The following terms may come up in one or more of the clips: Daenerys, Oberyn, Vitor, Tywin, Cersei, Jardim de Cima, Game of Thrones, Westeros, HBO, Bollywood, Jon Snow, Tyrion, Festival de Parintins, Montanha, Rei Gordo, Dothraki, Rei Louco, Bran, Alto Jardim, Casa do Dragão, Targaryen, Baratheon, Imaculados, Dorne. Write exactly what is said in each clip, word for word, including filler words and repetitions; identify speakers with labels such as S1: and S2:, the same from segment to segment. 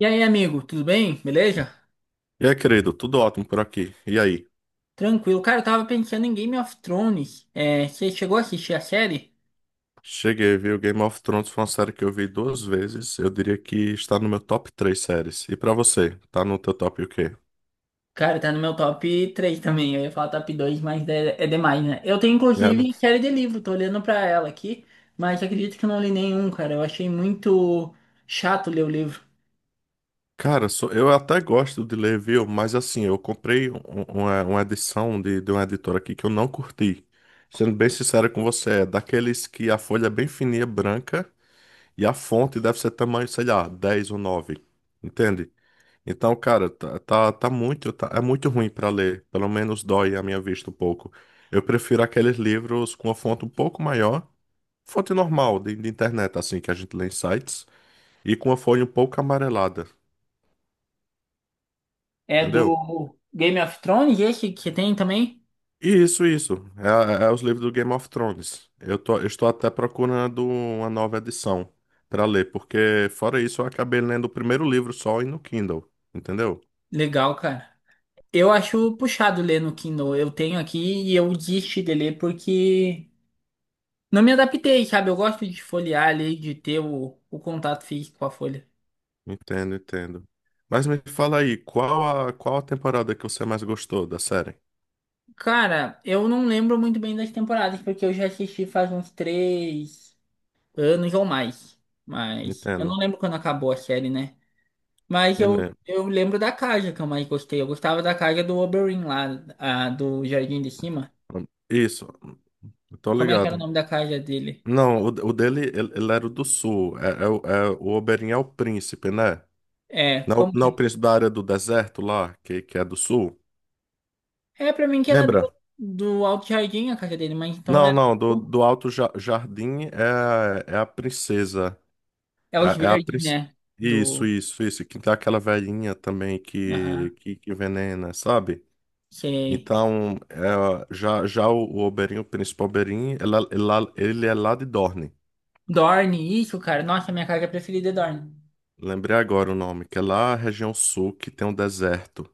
S1: E aí, amigo, tudo bem? Beleza?
S2: E aí, querido, tudo ótimo por aqui. E aí?
S1: Tranquilo. Cara, eu tava pensando em Game of Thrones. É, você chegou a assistir a série?
S2: Cheguei, viu? Game of Thrones foi uma série que eu vi duas vezes. Eu diria que está no meu top três séries. E pra você, tá no teu top o quê?
S1: Cara, tá no meu top três também. Eu ia falar top dois, mas é, é demais, né? Eu tenho,
S2: É, né?
S1: inclusive, série de livro. Tô olhando pra ela aqui. Mas acredito que eu não li nenhum, cara. Eu achei muito chato ler o livro.
S2: Cara, sou- eu até gosto de ler, viu? Mas assim, eu comprei um- um, uma, uma edição de, de uma editora aqui que eu não curti. Sendo bem sincero com você, é daqueles que a folha é bem fininha, branca, e a fonte deve ser tamanho, sei lá, dez ou nove. Entende? Então, cara, tá, tá, tá muito, tá- é muito ruim pra ler. Pelo menos dói a minha vista um pouco. Eu prefiro aqueles livros com a fonte um pouco maior, fonte normal de, de internet, assim, que a gente lê em sites, e com a folha um pouco amarelada,
S1: É
S2: entendeu?
S1: do Game of Thrones, esse que tem também?
S2: E isso, isso. É, é é os livros do Game of Thrones. Eu tô, eu estou até procurando uma nova edição pra ler, porque fora isso eu acabei lendo o primeiro livro só e no Kindle, entendeu?
S1: Legal, cara. Eu acho puxado ler no Kindle. Eu tenho aqui e eu desisti de ler porque não me adaptei, sabe? Eu gosto de folhear ali, de ter o, o contato físico com a folha.
S2: Entendo, entendo. Mas me fala aí, qual a, qual a temporada que você mais gostou da série?
S1: Cara, eu não lembro muito bem das temporadas, porque eu já assisti faz uns três anos ou mais. Mas eu não
S2: Entendo.
S1: lembro quando acabou a série, né? Mas
S2: Ele
S1: eu,
S2: é.
S1: eu lembro da casa que eu mais gostei. Eu gostava da casa do Oberyn lá, a, do Jardim de Cima.
S2: Isso, eu tô
S1: Como é que era o
S2: ligado.
S1: nome da casa dele?
S2: Não, o, o dele, ele, ele era o do sul. É, é, o é o Oberyn é o príncipe, né?
S1: É,
S2: Não,
S1: como
S2: não é o
S1: que...
S2: príncipe da área do deserto lá, que, que é do sul.
S1: É, pra mim que era
S2: Lembra?
S1: do, do Alto Jardim a casa dele, mas então
S2: Não,
S1: era...
S2: não, do,
S1: tipo,
S2: do Alto Ja- Jardim é, é a princesa.
S1: é os
S2: É, é a
S1: verdes,
S2: princesa.
S1: né?
S2: Isso,
S1: Do...
S2: isso, isso. Que tem aquela velhinha também
S1: Aham.
S2: que, que, que envenena, sabe?
S1: Sei.
S2: Então, é, já, já o, o Oberinho, o Príncipe Oberyn, ela- ela- ele é lá de Dorne.
S1: Dorne, isso, cara. Nossa, minha carga preferida é Dorne.
S2: Lembrei agora o nome, que é lá a região sul, que tem um deserto.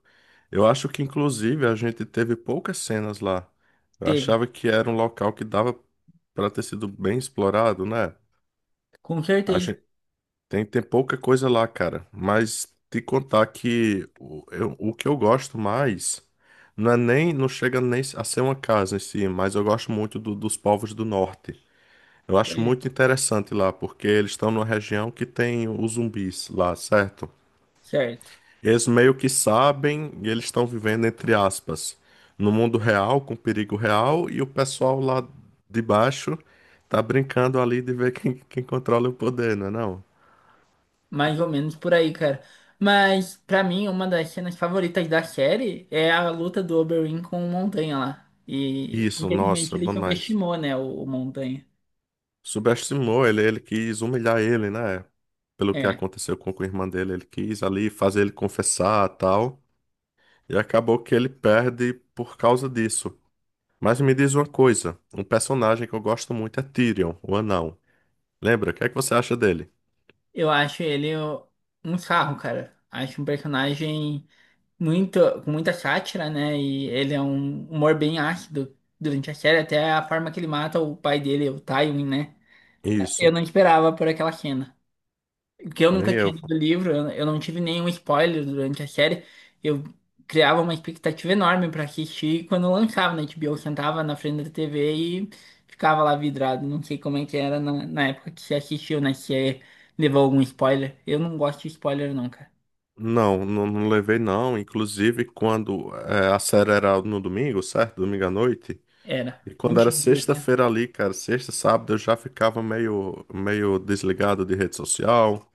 S2: Eu acho que, inclusive, a gente teve poucas cenas lá. Eu
S1: Teve.
S2: achava que era um local que dava para ter sido bem explorado, né?
S1: Com
S2: A
S1: certeza.
S2: gente tem, tem pouca coisa lá, cara. Mas te contar que o, eu- o que eu gosto mais não é nem, não chega nem a ser uma casa em si, mas eu gosto muito do- dos povos do norte. Eu acho
S1: Sério.
S2: muito interessante lá, porque eles estão numa região que tem os zumbis lá, certo?
S1: Certo.
S2: Eles meio que sabem e eles estão vivendo, entre aspas, no mundo real, com perigo real, e o pessoal lá de baixo tá brincando ali de ver quem, quem controla o poder, não é não?
S1: Mais ou menos por aí, cara. Mas, pra mim, uma das cenas favoritas da série é a luta do Oberyn com o Montanha lá. E,
S2: Isso,
S1: infelizmente,
S2: nossa,
S1: ele
S2: bom demais.
S1: subestimou, né, o, o Montanha.
S2: Subestimou ele, ele quis humilhar ele, né? Pelo que
S1: É.
S2: aconteceu com a irmã dele, ele quis ali fazer ele confessar tal, e acabou que ele perde por causa disso. Mas me diz uma coisa, um personagem que eu gosto muito é Tyrion, o anão. Lembra? O que é que você acha dele?
S1: Eu acho ele o- Um sarro, cara. Acho um personagem muito, com muita sátira, né? E ele é um humor bem ácido durante a série, até a forma que ele mata o pai dele, o Tywin, né? Eu
S2: Isso,
S1: não esperava por aquela cena. Porque eu
S2: nem
S1: nunca tinha
S2: eu.
S1: lido o livro, eu eu não tive nenhum spoiler durante a série. Eu criava uma expectativa enorme pra assistir e quando lançava na H B O, eu sentava na frente da T V e ficava lá vidrado. Não sei como é que era na, na época que você assistiu, né? Se é- Levou algum spoiler. Eu não gosto de spoiler, não, cara.
S2: Não, não, não levei não. Inclusive, quando é, a série era no domingo, certo? Domingo à noite.
S1: Era.
S2: E quando era
S1: vinte e dois, né?
S2: sexta-feira ali, cara, sexta, sábado, eu já ficava meio, meio desligado de rede social,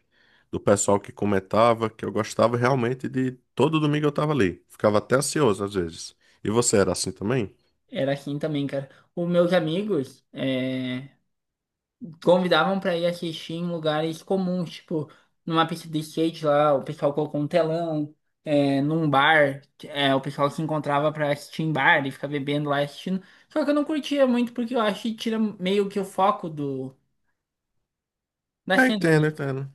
S2: do pessoal que comentava, que eu gostava realmente de. Todo domingo eu tava ali. Ficava até ansioso às vezes. E você era assim também?
S1: Era assim também, cara. Os meus amigos, é, convidavam pra ir assistir em lugares comuns, tipo numa pista de skate lá, o pessoal colocou um telão, é, num bar, é, o pessoal se encontrava pra assistir em bar e ficar bebendo lá e assistindo. Só que eu não curtia muito porque eu acho que tira meio que o foco do da
S2: É,
S1: cena,
S2: entendo,
S1: né?
S2: entendo.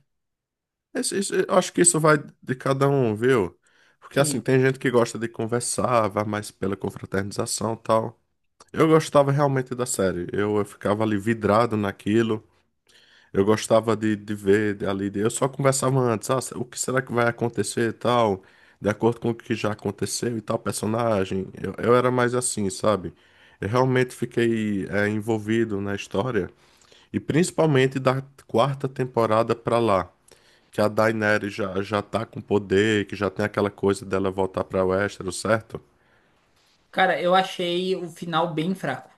S2: Esse- esse- eu acho que isso vai de cada um, viu? Porque assim,
S1: Que,
S2: tem gente que gosta de conversar, vai mais pela confraternização e tal. Eu gostava realmente da série. Eu, eu ficava ali vidrado naquilo. Eu gostava de, de ver de- ali. de- eu só conversava antes, ah, o que será que vai acontecer e tal, de acordo com o que já aconteceu e tal, personagem. Eu, eu era mais assim, sabe? Eu realmente fiquei eh, envolvido na história. E principalmente da quarta temporada pra lá. Que a Daenerys já, já tá com poder, que já tem aquela coisa dela voltar pra Westeros, certo?
S1: cara, eu achei o final bem fraco.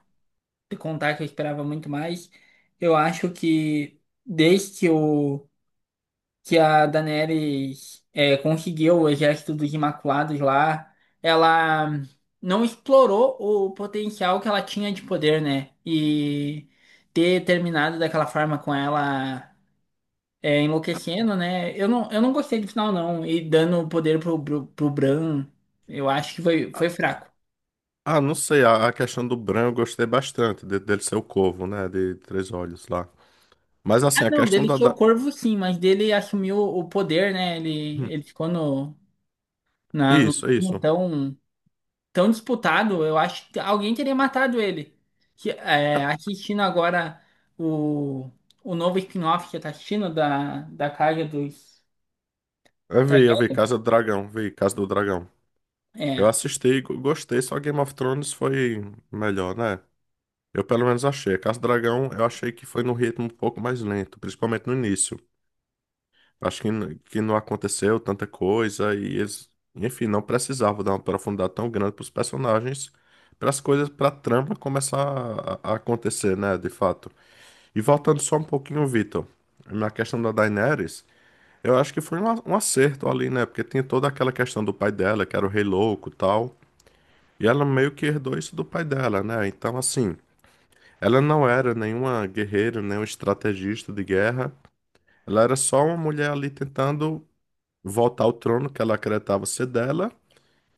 S1: De contar que eu esperava muito mais, eu acho que desde que o que a Daenerys é, conseguiu o exército dos Imaculados lá, ela não explorou o potencial que ela tinha de poder, né? E ter terminado daquela forma com ela é, enlouquecendo, né? Eu não, eu não gostei do final, não. E dando o poder pro, pro, pro Bran, eu acho que foi, foi fraco.
S2: Ah, não sei, a, a questão do Bran eu gostei bastante, de- dele ser o corvo, né, de três olhos lá. Mas
S1: Ah,
S2: assim, a
S1: não,
S2: questão
S1: dele
S2: da...
S1: ser o
S2: da...
S1: corvo, sim, mas dele assumiu o poder, né? Ele,
S2: Hum.
S1: ele ficou no, na, no
S2: Isso,
S1: trono,
S2: isso.
S1: então tão disputado, eu acho que alguém teria matado ele. Que, é,
S2: Ah.
S1: assistindo agora o, o novo spin-off que tá assistindo da, da Casa dos
S2: Eu vi, eu vi Casa do Dragão, vi Casa do Dragão. Eu
S1: Targaryen.
S2: assisti, e go- gostei, só Game of Thrones foi melhor, né? Eu pelo menos achei. Casa do Dragão eu achei que foi num ritmo um pouco mais lento, principalmente no início. Acho que, n- que não aconteceu tanta coisa e eles, enfim, não precisavam dar uma profundidade tão grande para os personagens, para as coisas, para a trama começar a, a acontecer, né, de fato. E voltando só um pouquinho, Vitor, na questão da Daenerys, eu acho que foi um, a- um acerto ali, né, porque tem toda aquela questão do pai dela, que era o Rei Louco e tal, e ela meio que herdou isso do pai dela, né, então assim, ela não era nenhuma guerreira, nenhuma estrategista de guerra, ela era só uma mulher ali tentando voltar ao trono que ela acreditava ser dela.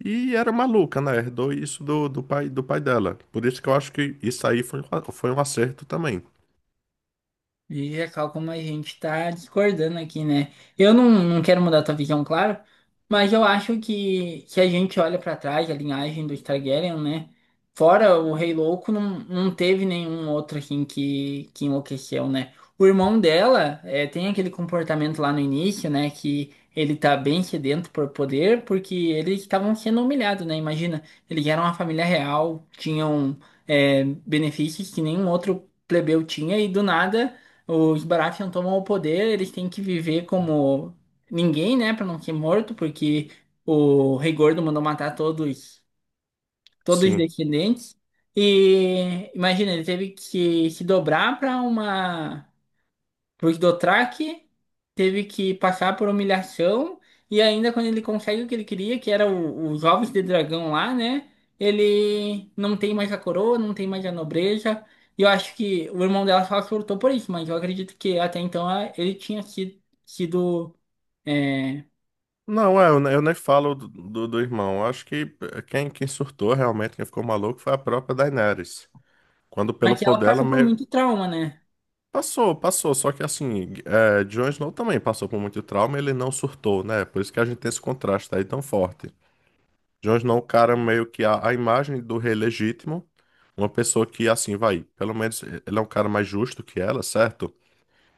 S2: E era maluca, né? Herdou isso do, do pai, do pai dela. Por isso que eu acho que isso aí foi, um a- foi um acerto também.
S1: Veja cá como a gente tá discordando aqui, né? Eu não, não quero mudar tua visão, claro, mas eu acho que se a gente olha pra trás, a linhagem do Targaryen, né? Fora o Rei Louco, não, não teve nenhum outro assim que, que enlouqueceu, né? O irmão dela é, tem aquele comportamento lá no início, né? Que ele tá bem sedento por poder, porque eles estavam sendo humilhados, né? Imagina, eles eram uma família real, tinham é, benefícios que nenhum outro plebeu tinha, e do nada. Os Baratheon tomam o poder, eles têm que viver como ninguém, né, pra não ser morto, porque o Rei Gordo mandou matar todos, todos os
S2: Sim.
S1: descendentes. E imagina, ele teve que se dobrar pra uma porque Dothraki teve que passar por humilhação e ainda quando ele consegue o que ele queria, que era o- os ovos de dragão lá, né? Ele não tem mais a coroa, não tem mais a nobreza. E eu acho que o irmão dela só surtou por isso, mas eu acredito que até então a- ele tinha sido, sido é...
S2: Não, é, eu, ne- eu nem falo do, do, do irmão. Eu acho que eh, quem, quem surtou realmente, quem ficou maluco, foi a própria Daenerys. Quando pelo
S1: Mas ela
S2: poder ela
S1: passa por
S2: meio.
S1: muito trauma, né?
S2: Passou, passou. Só que assim, é, Jon Snow também passou por muito trauma, ele não surtou, né? Por isso que a gente tem esse contraste aí tão forte. Jones não, é um cara meio que a, a imagem do rei legítimo, uma pessoa que assim vai, pelo menos ele é um cara mais justo que ela, certo?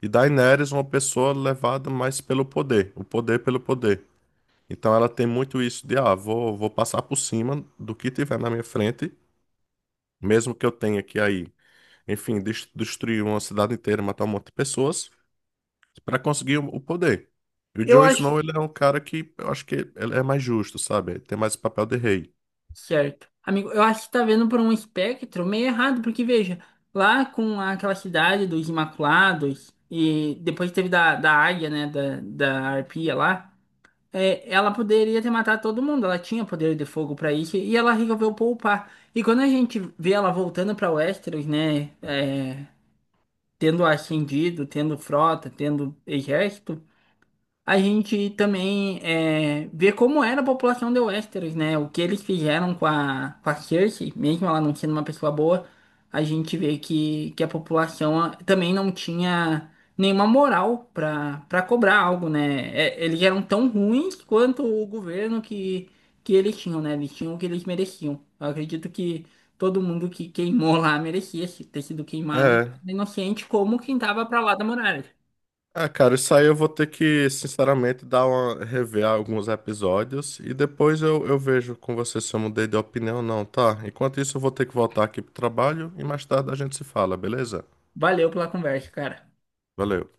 S2: E Daenerys, é uma pessoa levada mais pelo poder, o poder pelo poder. Então ela tem muito isso de, ah, vou, vou passar por cima do que tiver na minha frente, mesmo que eu tenha que aí, enfim, des- destruir uma cidade inteira, matar um monte de pessoas, para conseguir o, o poder. E o Jon Snow, ele é um cara que eu acho que ele é mais justo, sabe? Ele tem mais papel de rei.
S1: Certo. Amigo, eu acho que tá vendo por um espectro meio errado, porque veja, lá com aquela cidade dos Imaculados, e depois teve da, da águia, né, da, da arpia lá, é, ela poderia ter matado todo mundo, ela tinha poder de fogo pra isso, e ela resolveu poupar. E quando a gente vê ela voltando pra Westeros, né, é, tendo ascendido, tendo frota, tendo exército a gente também é, vê como era a população de Westeros, né? O que eles fizeram com a, com a Cersei, mesmo ela não sendo uma pessoa boa, a gente vê que, que a população ah, também não tinha nenhuma moral para para cobrar algo, né? É, eles eram tão ruins quanto o governo que, que eles tinham, né? Eles tinham o que eles mereciam. Eu acredito que todo mundo que queimou lá merecia ter sido queimado e
S2: É.
S1: inocente como quem tava pra lá da muralha.
S2: Ah, cara, isso aí eu vou ter que, sinceramente, dar uma, rever alguns episódios e depois eu, eu vejo com você se eu mudei de opinião ou não, tá? Enquanto isso, eu vou ter que voltar aqui pro trabalho e mais tarde a gente se fala, beleza?
S1: Valeu pela conversa, cara.
S2: Valeu.